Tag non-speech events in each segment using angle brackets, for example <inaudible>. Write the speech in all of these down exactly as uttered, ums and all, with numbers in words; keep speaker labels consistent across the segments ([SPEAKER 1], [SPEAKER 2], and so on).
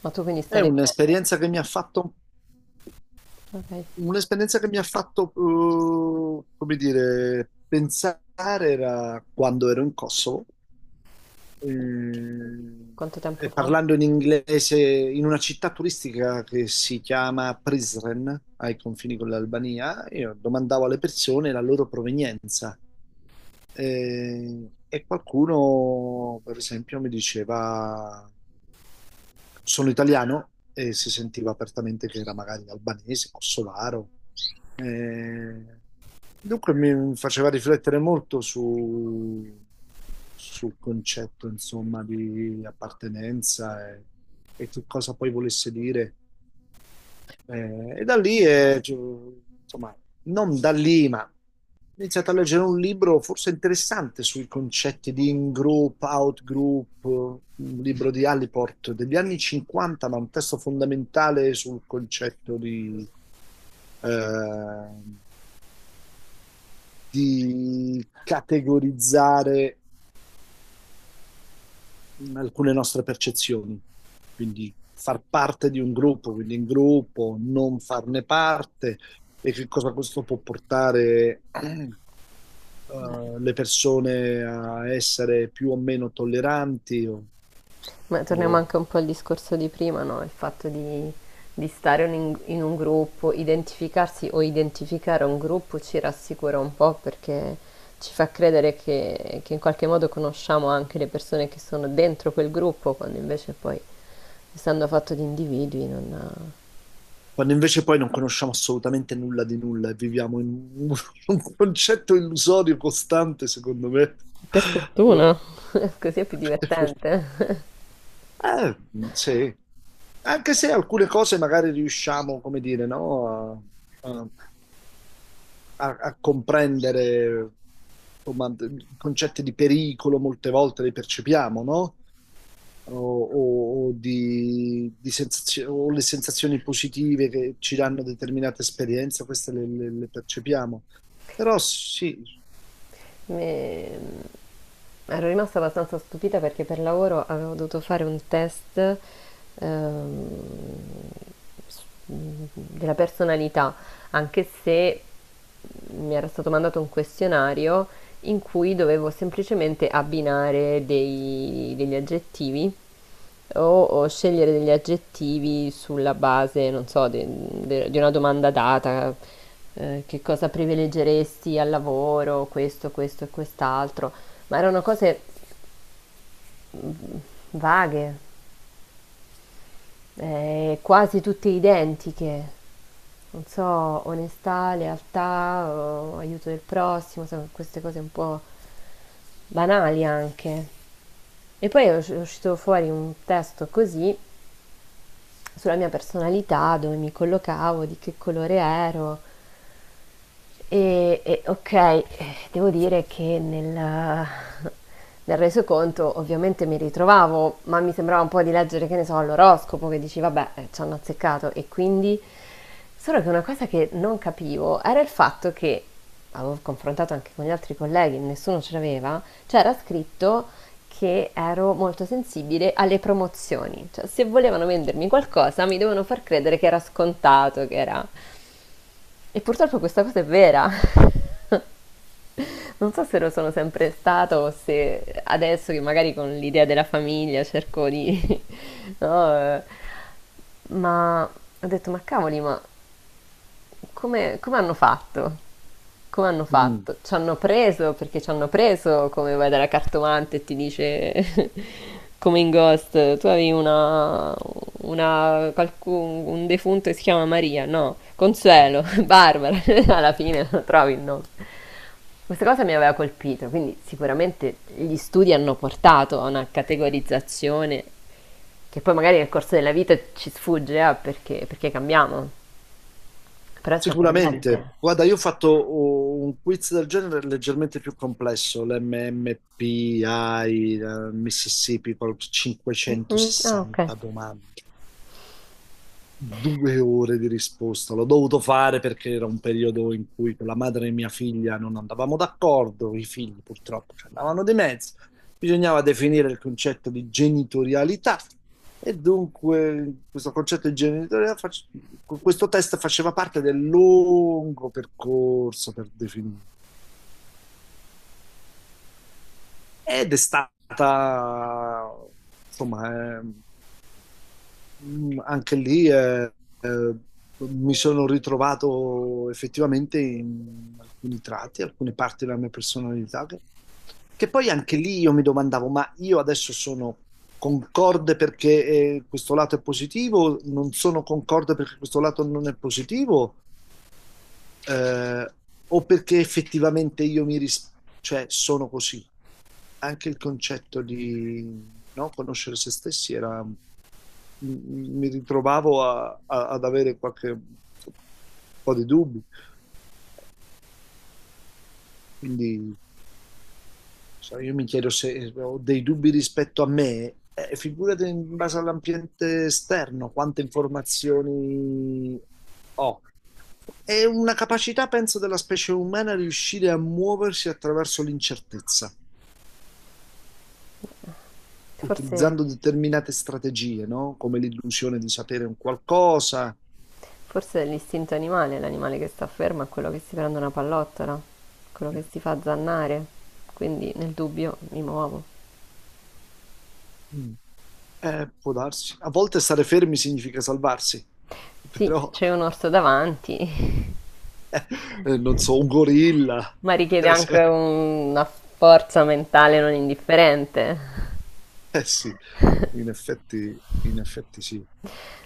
[SPEAKER 1] Ma tu quindi
[SPEAKER 2] È
[SPEAKER 1] stai leggendo?
[SPEAKER 2] un'esperienza che mi ha fatto,
[SPEAKER 1] Ok,
[SPEAKER 2] Un'esperienza che mi ha fatto, eh, come dire, pensare, era quando ero in Kosovo, eh,
[SPEAKER 1] quanto tempo
[SPEAKER 2] e
[SPEAKER 1] fa?
[SPEAKER 2] parlando in inglese in una città turistica che si chiama Prizren, ai confini con l'Albania. Io domandavo alle persone la loro provenienza. Eh, e qualcuno, per esempio, mi diceva sono italiano, e si sentiva apertamente che era magari albanese, kosovaro. Eh, Dunque mi faceva riflettere molto su, sul concetto, insomma, di appartenenza, e, e che cosa poi volesse dire. Eh, e da lì, eh, ci- insomma, non da lì, ma ho iniziato a leggere un libro forse interessante sui concetti di in-group, out-group, un libro di Allport degli anni cinquanta, ma un testo fondamentale sul concetto di, eh, di categorizzare mh, alcune nostre percezioni. Quindi far parte di un gruppo, quindi in gruppo, non farne parte, e che cosa questo può portare <clears throat> eh,
[SPEAKER 1] Beh,
[SPEAKER 2] le persone a essere più o meno tolleranti, o,
[SPEAKER 1] ma torniamo
[SPEAKER 2] o-
[SPEAKER 1] anche un po' al discorso di prima, no? Il fatto di, di stare un- in un gruppo, identificarsi o identificare un gruppo ci rassicura un po' perché ci fa credere che, che in qualche modo conosciamo anche le persone che sono dentro quel gruppo, quando invece poi, essendo fatto di individui, non...
[SPEAKER 2] quando invece poi non conosciamo assolutamente nulla di nulla e viviamo in un, <laughs> un concetto illusorio costante, secondo me.
[SPEAKER 1] Per fortuna,
[SPEAKER 2] <laughs>
[SPEAKER 1] <laughs> così è più
[SPEAKER 2] Per fortuna.
[SPEAKER 1] divertente.
[SPEAKER 2] Eh, sì, anche se alcune cose magari riusciamo, come dire, no, a, a- a- a comprendere, insomma, d- concetti di pericolo molte volte li percepiamo, no? O, o- o di, di sensazio- o le sensazioni positive che ci danno determinate esperienze, queste le, le- le percepiamo. Però sì,
[SPEAKER 1] Me- Ero rimasta abbastanza stupita perché per lavoro avevo dovuto fare un test ehm, s- della personalità, anche se mi era stato mandato un questionario in cui dovevo semplicemente abbinare dei- degli aggettivi o, o scegliere degli aggettivi sulla base, non so, de- de- di una domanda data, eh, che cosa privilegeresti al lavoro, questo, questo e quest'altro, ma erano cose mm, vaghe, eh, quasi tutte identiche. Non so, onestà, lealtà, o aiuto del prossimo, sai, queste cose un po' banali anche. E poi è usci- è uscito fuori un testo così sulla mia personalità, dove mi collocavo, di che colore ero, e, e, ok, eh, devo dire che nel, nel resoconto ovviamente mi ritrovavo, ma mi sembrava un po' di leggere, che ne so, l'oroscopo, che dici, vabbè, eh, ci hanno azzeccato e quindi... Solo che una cosa che non capivo era il fatto che, avevo confrontato anche con gli altri colleghi, nessuno ce l'aveva, c'era scritto che ero molto sensibile alle promozioni. Cioè, se volevano vendermi qualcosa, mi dovevano far credere che era scontato, che era... E purtroppo questa cosa è vera. <laughs> Non so se lo sono sempre stato o se adesso che magari con l'idea della famiglia cerco di... <laughs> no? Eh, ma ho detto, ma cavoli, ma come, come hanno fatto? Come hanno
[SPEAKER 2] mm.
[SPEAKER 1] fatto? Ci hanno preso perché ci hanno preso, come vai dalla cartomante e ti dice, <laughs> come in Ghost, tu avevi una, una qualcun- un defunto che si chiama Maria, no,
[SPEAKER 2] Mm.
[SPEAKER 1] Consuelo, <laughs> Barbara, <laughs> alla fine non trovi il nome. Questa cosa mi aveva colpito, quindi sicuramente gli studi hanno portato a una categorizzazione che poi magari nel corso della vita ci sfugge, eh, perché, perché cambiamo. Però è
[SPEAKER 2] Sicuramente,
[SPEAKER 1] sorprendente.
[SPEAKER 2] guarda, io ho fatto oh, un quiz del genere leggermente più complesso, l'M M P I, eh, Mississippi, con
[SPEAKER 1] Mhm. Ah, ok.
[SPEAKER 2] cinquecentosessanta domande, due ore di risposta. L'ho dovuto fare perché era un periodo in cui con la madre e mia figlia non andavamo d'accordo, i figli purtroppo ci andavano di mezzo. Bisognava definire il concetto di genitorialità, e dunque questo concetto di genitorialità, face- questo test faceva parte del lungo percorso per definire. Ed è stata, insomma. eh, Mm, Anche lì, eh, eh, mi sono ritrovato effettivamente in alcuni tratti, alcune parti della mia personalità, che, che poi anche lì io mi domandavo, ma io adesso sono concorde perché eh, questo lato è positivo, non sono concorde perché questo lato non è positivo, eh, o perché effettivamente io mi ris- cioè sono così. Anche il concetto di, no, conoscere se stessi era, m- m- mi ritrovavo a- a- ad avere qualche un po' di dubbi. Quindi. So, io mi chiedo se eh, ho dei dubbi rispetto a me, eh, figurati in base all'ambiente esterno, quante informazioni ho. È una capacità, penso, della specie umana riuscire a muoversi attraverso l'incertezza,
[SPEAKER 1] Forse,
[SPEAKER 2] utilizzando determinate strategie, no? Come l'illusione di sapere un qualcosa.
[SPEAKER 1] forse è l'istinto animale, l'animale che sta fermo è quello che si prende una pallottola, quello che si fa zannare. Quindi nel dubbio mi muovo.
[SPEAKER 2] Mm. Eh, può darsi. A volte stare fermi significa salvarsi, <laughs>
[SPEAKER 1] Sì, se
[SPEAKER 2] però,
[SPEAKER 1] c'è un orso davanti,
[SPEAKER 2] eh, non so, un
[SPEAKER 1] <laughs>
[SPEAKER 2] gorilla,
[SPEAKER 1] ma richiede
[SPEAKER 2] per
[SPEAKER 1] anche
[SPEAKER 2] esempio.
[SPEAKER 1] un- una forza mentale non indifferente.
[SPEAKER 2] Eh sì. In effetti, in effetti sì.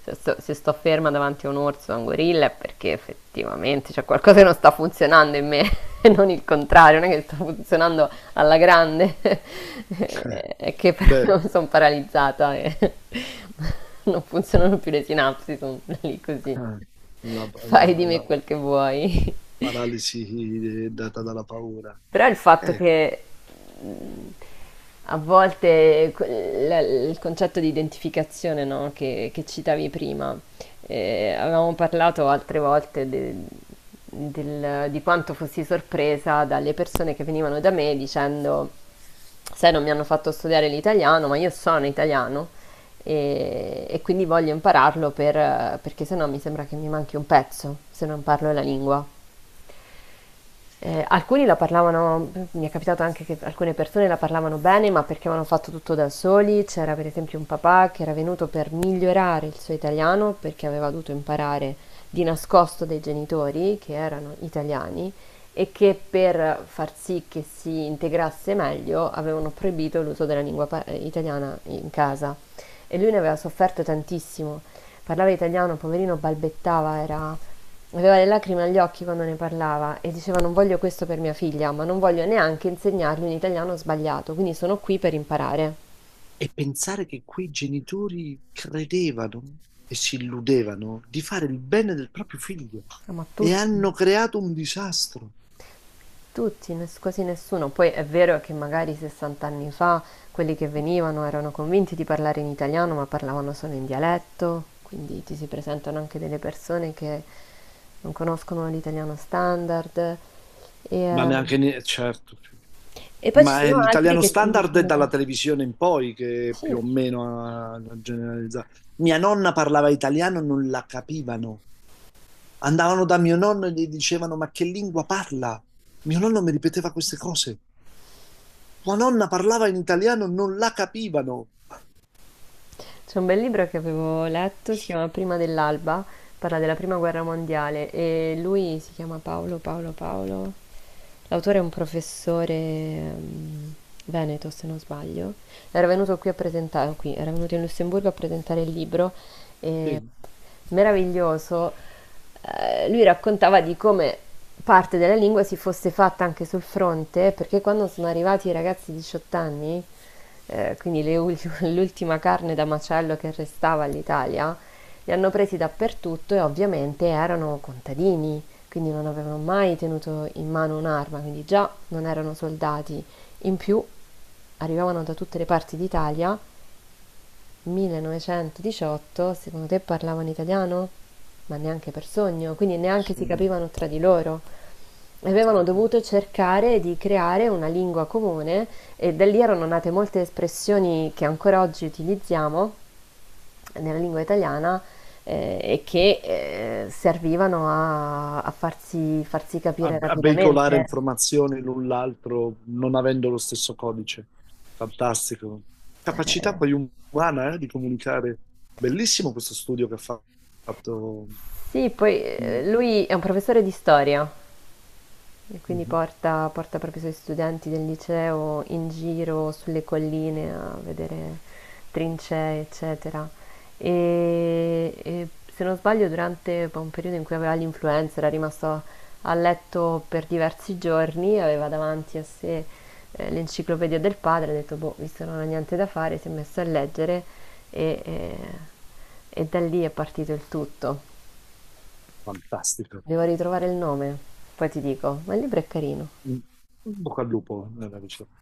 [SPEAKER 1] se sto, se sto ferma davanti a un orso o a un gorilla è perché effettivamente c'è qualcosa che non sta funzionando in me e <laughs> non il contrario, non è che sta funzionando alla grande, <laughs> è che
[SPEAKER 2] <laughs> Beh,
[SPEAKER 1] però sono paralizzata e <laughs> non funzionano più le sinapsi, sono lì così.
[SPEAKER 2] la,
[SPEAKER 1] Fai
[SPEAKER 2] la-
[SPEAKER 1] di me
[SPEAKER 2] la
[SPEAKER 1] quel che vuoi.
[SPEAKER 2] paralisi data dalla paura.
[SPEAKER 1] Però il fatto
[SPEAKER 2] Eh,
[SPEAKER 1] che mh, a volte que- la- il concetto di identificazione, no, che, che citavi prima, eh, avevamo parlato altre volte de- del- di quanto fossi sorpresa dalle persone che venivano da me dicendo, sai, non mi hanno fatto studiare l'italiano, ma io sono italiano e, e quindi voglio impararlo per- perché sennò mi sembra che mi manchi un pezzo se non parlo la lingua. Eh, alcuni la parlavano, mi è capitato anche che alcune persone la parlavano bene, ma perché avevano fatto tutto da soli. C'era per esempio un papà che era venuto per migliorare il suo italiano perché aveva dovuto imparare di nascosto dai genitori che erano italiani e che per far sì che si integrasse meglio avevano proibito l'uso della lingua pa- italiana in casa e lui ne aveva sofferto tantissimo. Parlava italiano, poverino, balbettava, era... Aveva le lacrime agli occhi quando ne parlava e diceva: non voglio questo per mia figlia, ma non voglio neanche insegnargli un italiano sbagliato, quindi sono qui per imparare.
[SPEAKER 2] e pensare che quei genitori credevano e si illudevano di fare il bene del proprio figlio,
[SPEAKER 1] Ah, ma
[SPEAKER 2] e
[SPEAKER 1] tutti,
[SPEAKER 2] hanno creato un disastro.
[SPEAKER 1] tutti, ness- quasi nessuno. Poi è vero che magari sessanta anni fa quelli che venivano erano convinti di parlare in italiano, ma parlavano solo in dialetto, quindi ti si presentano anche delle persone che non conoscono l'italiano standard. E,
[SPEAKER 2] Ma
[SPEAKER 1] eh,
[SPEAKER 2] neanche, ne- certo,
[SPEAKER 1] e poi ci
[SPEAKER 2] ma è
[SPEAKER 1] sono altri
[SPEAKER 2] l'italiano
[SPEAKER 1] che ti
[SPEAKER 2] standard è dalla
[SPEAKER 1] dicono...
[SPEAKER 2] televisione in poi che
[SPEAKER 1] Sì,
[SPEAKER 2] più o meno ha generalizzato. Mia nonna parlava italiano, non la capivano. Andavano da mio nonno e gli dicevano: ma che lingua parla? Mio nonno mi ripeteva queste cose. Tua nonna parlava in italiano, non la capivano.
[SPEAKER 1] c'è un bel libro che avevo letto, si chiama Prima dell'alba, parla della prima guerra mondiale e lui si chiama Paolo, Paolo, Paolo. L'autore è un professore ehm, veneto, se non sbaglio. Era venuto qui a presentare, qui, era venuto in Lussemburgo a presentare il libro e...
[SPEAKER 2] Sì,
[SPEAKER 1] Meraviglioso. Eh, lui raccontava di come parte della lingua si fosse fatta anche sul fronte, perché quando sono arrivati i ragazzi di diciotto anni, eh, quindi le ul- <laughs> l'ultima carne da macello che restava all'Italia, li hanno presi dappertutto e ovviamente erano contadini, quindi non avevano mai tenuto in mano un'arma, quindi già non erano soldati. In più arrivavano da tutte le parti d'Italia. millenovecentodiciotto, secondo te parlavano italiano? Ma neanche per sogno, quindi neanche si
[SPEAKER 2] nessuno
[SPEAKER 1] capivano tra di loro.
[SPEAKER 2] si
[SPEAKER 1] Avevano
[SPEAKER 2] capiva.
[SPEAKER 1] dovuto cercare di creare una lingua comune e da lì erano nate molte espressioni che ancora oggi utilizziamo nella lingua italiana, eh, e che eh, servivano a, a farsi, farsi
[SPEAKER 2] A,
[SPEAKER 1] capire
[SPEAKER 2] a veicolare
[SPEAKER 1] rapidamente.
[SPEAKER 2] informazioni l'un l'altro, non avendo lo stesso codice. Fantastico. Capacità
[SPEAKER 1] Eh,
[SPEAKER 2] poi umana, eh, di comunicare. Bellissimo questo studio che ha fatto.
[SPEAKER 1] sì, poi eh,
[SPEAKER 2] Mm.
[SPEAKER 1] lui è un professore di storia, e quindi
[SPEAKER 2] Mhm.
[SPEAKER 1] porta porta proprio i suoi studenti del liceo in giro sulle colline a vedere trincee, eccetera. Ehm, e se non sbaglio durante un periodo in cui aveva l'influenza, era rimasto a letto per diversi giorni, aveva davanti a sé, ehm, l'enciclopedia del padre, ha detto: "Boh, visto che non ha niente da fare", si è messo a leggere e ehm, e da lì è partito il tutto.
[SPEAKER 2] Fantastico.
[SPEAKER 1] Devo ritrovare il nome, poi ti dico, ma il libro è carino.
[SPEAKER 2] Un un bocca al lupo nella ricerca.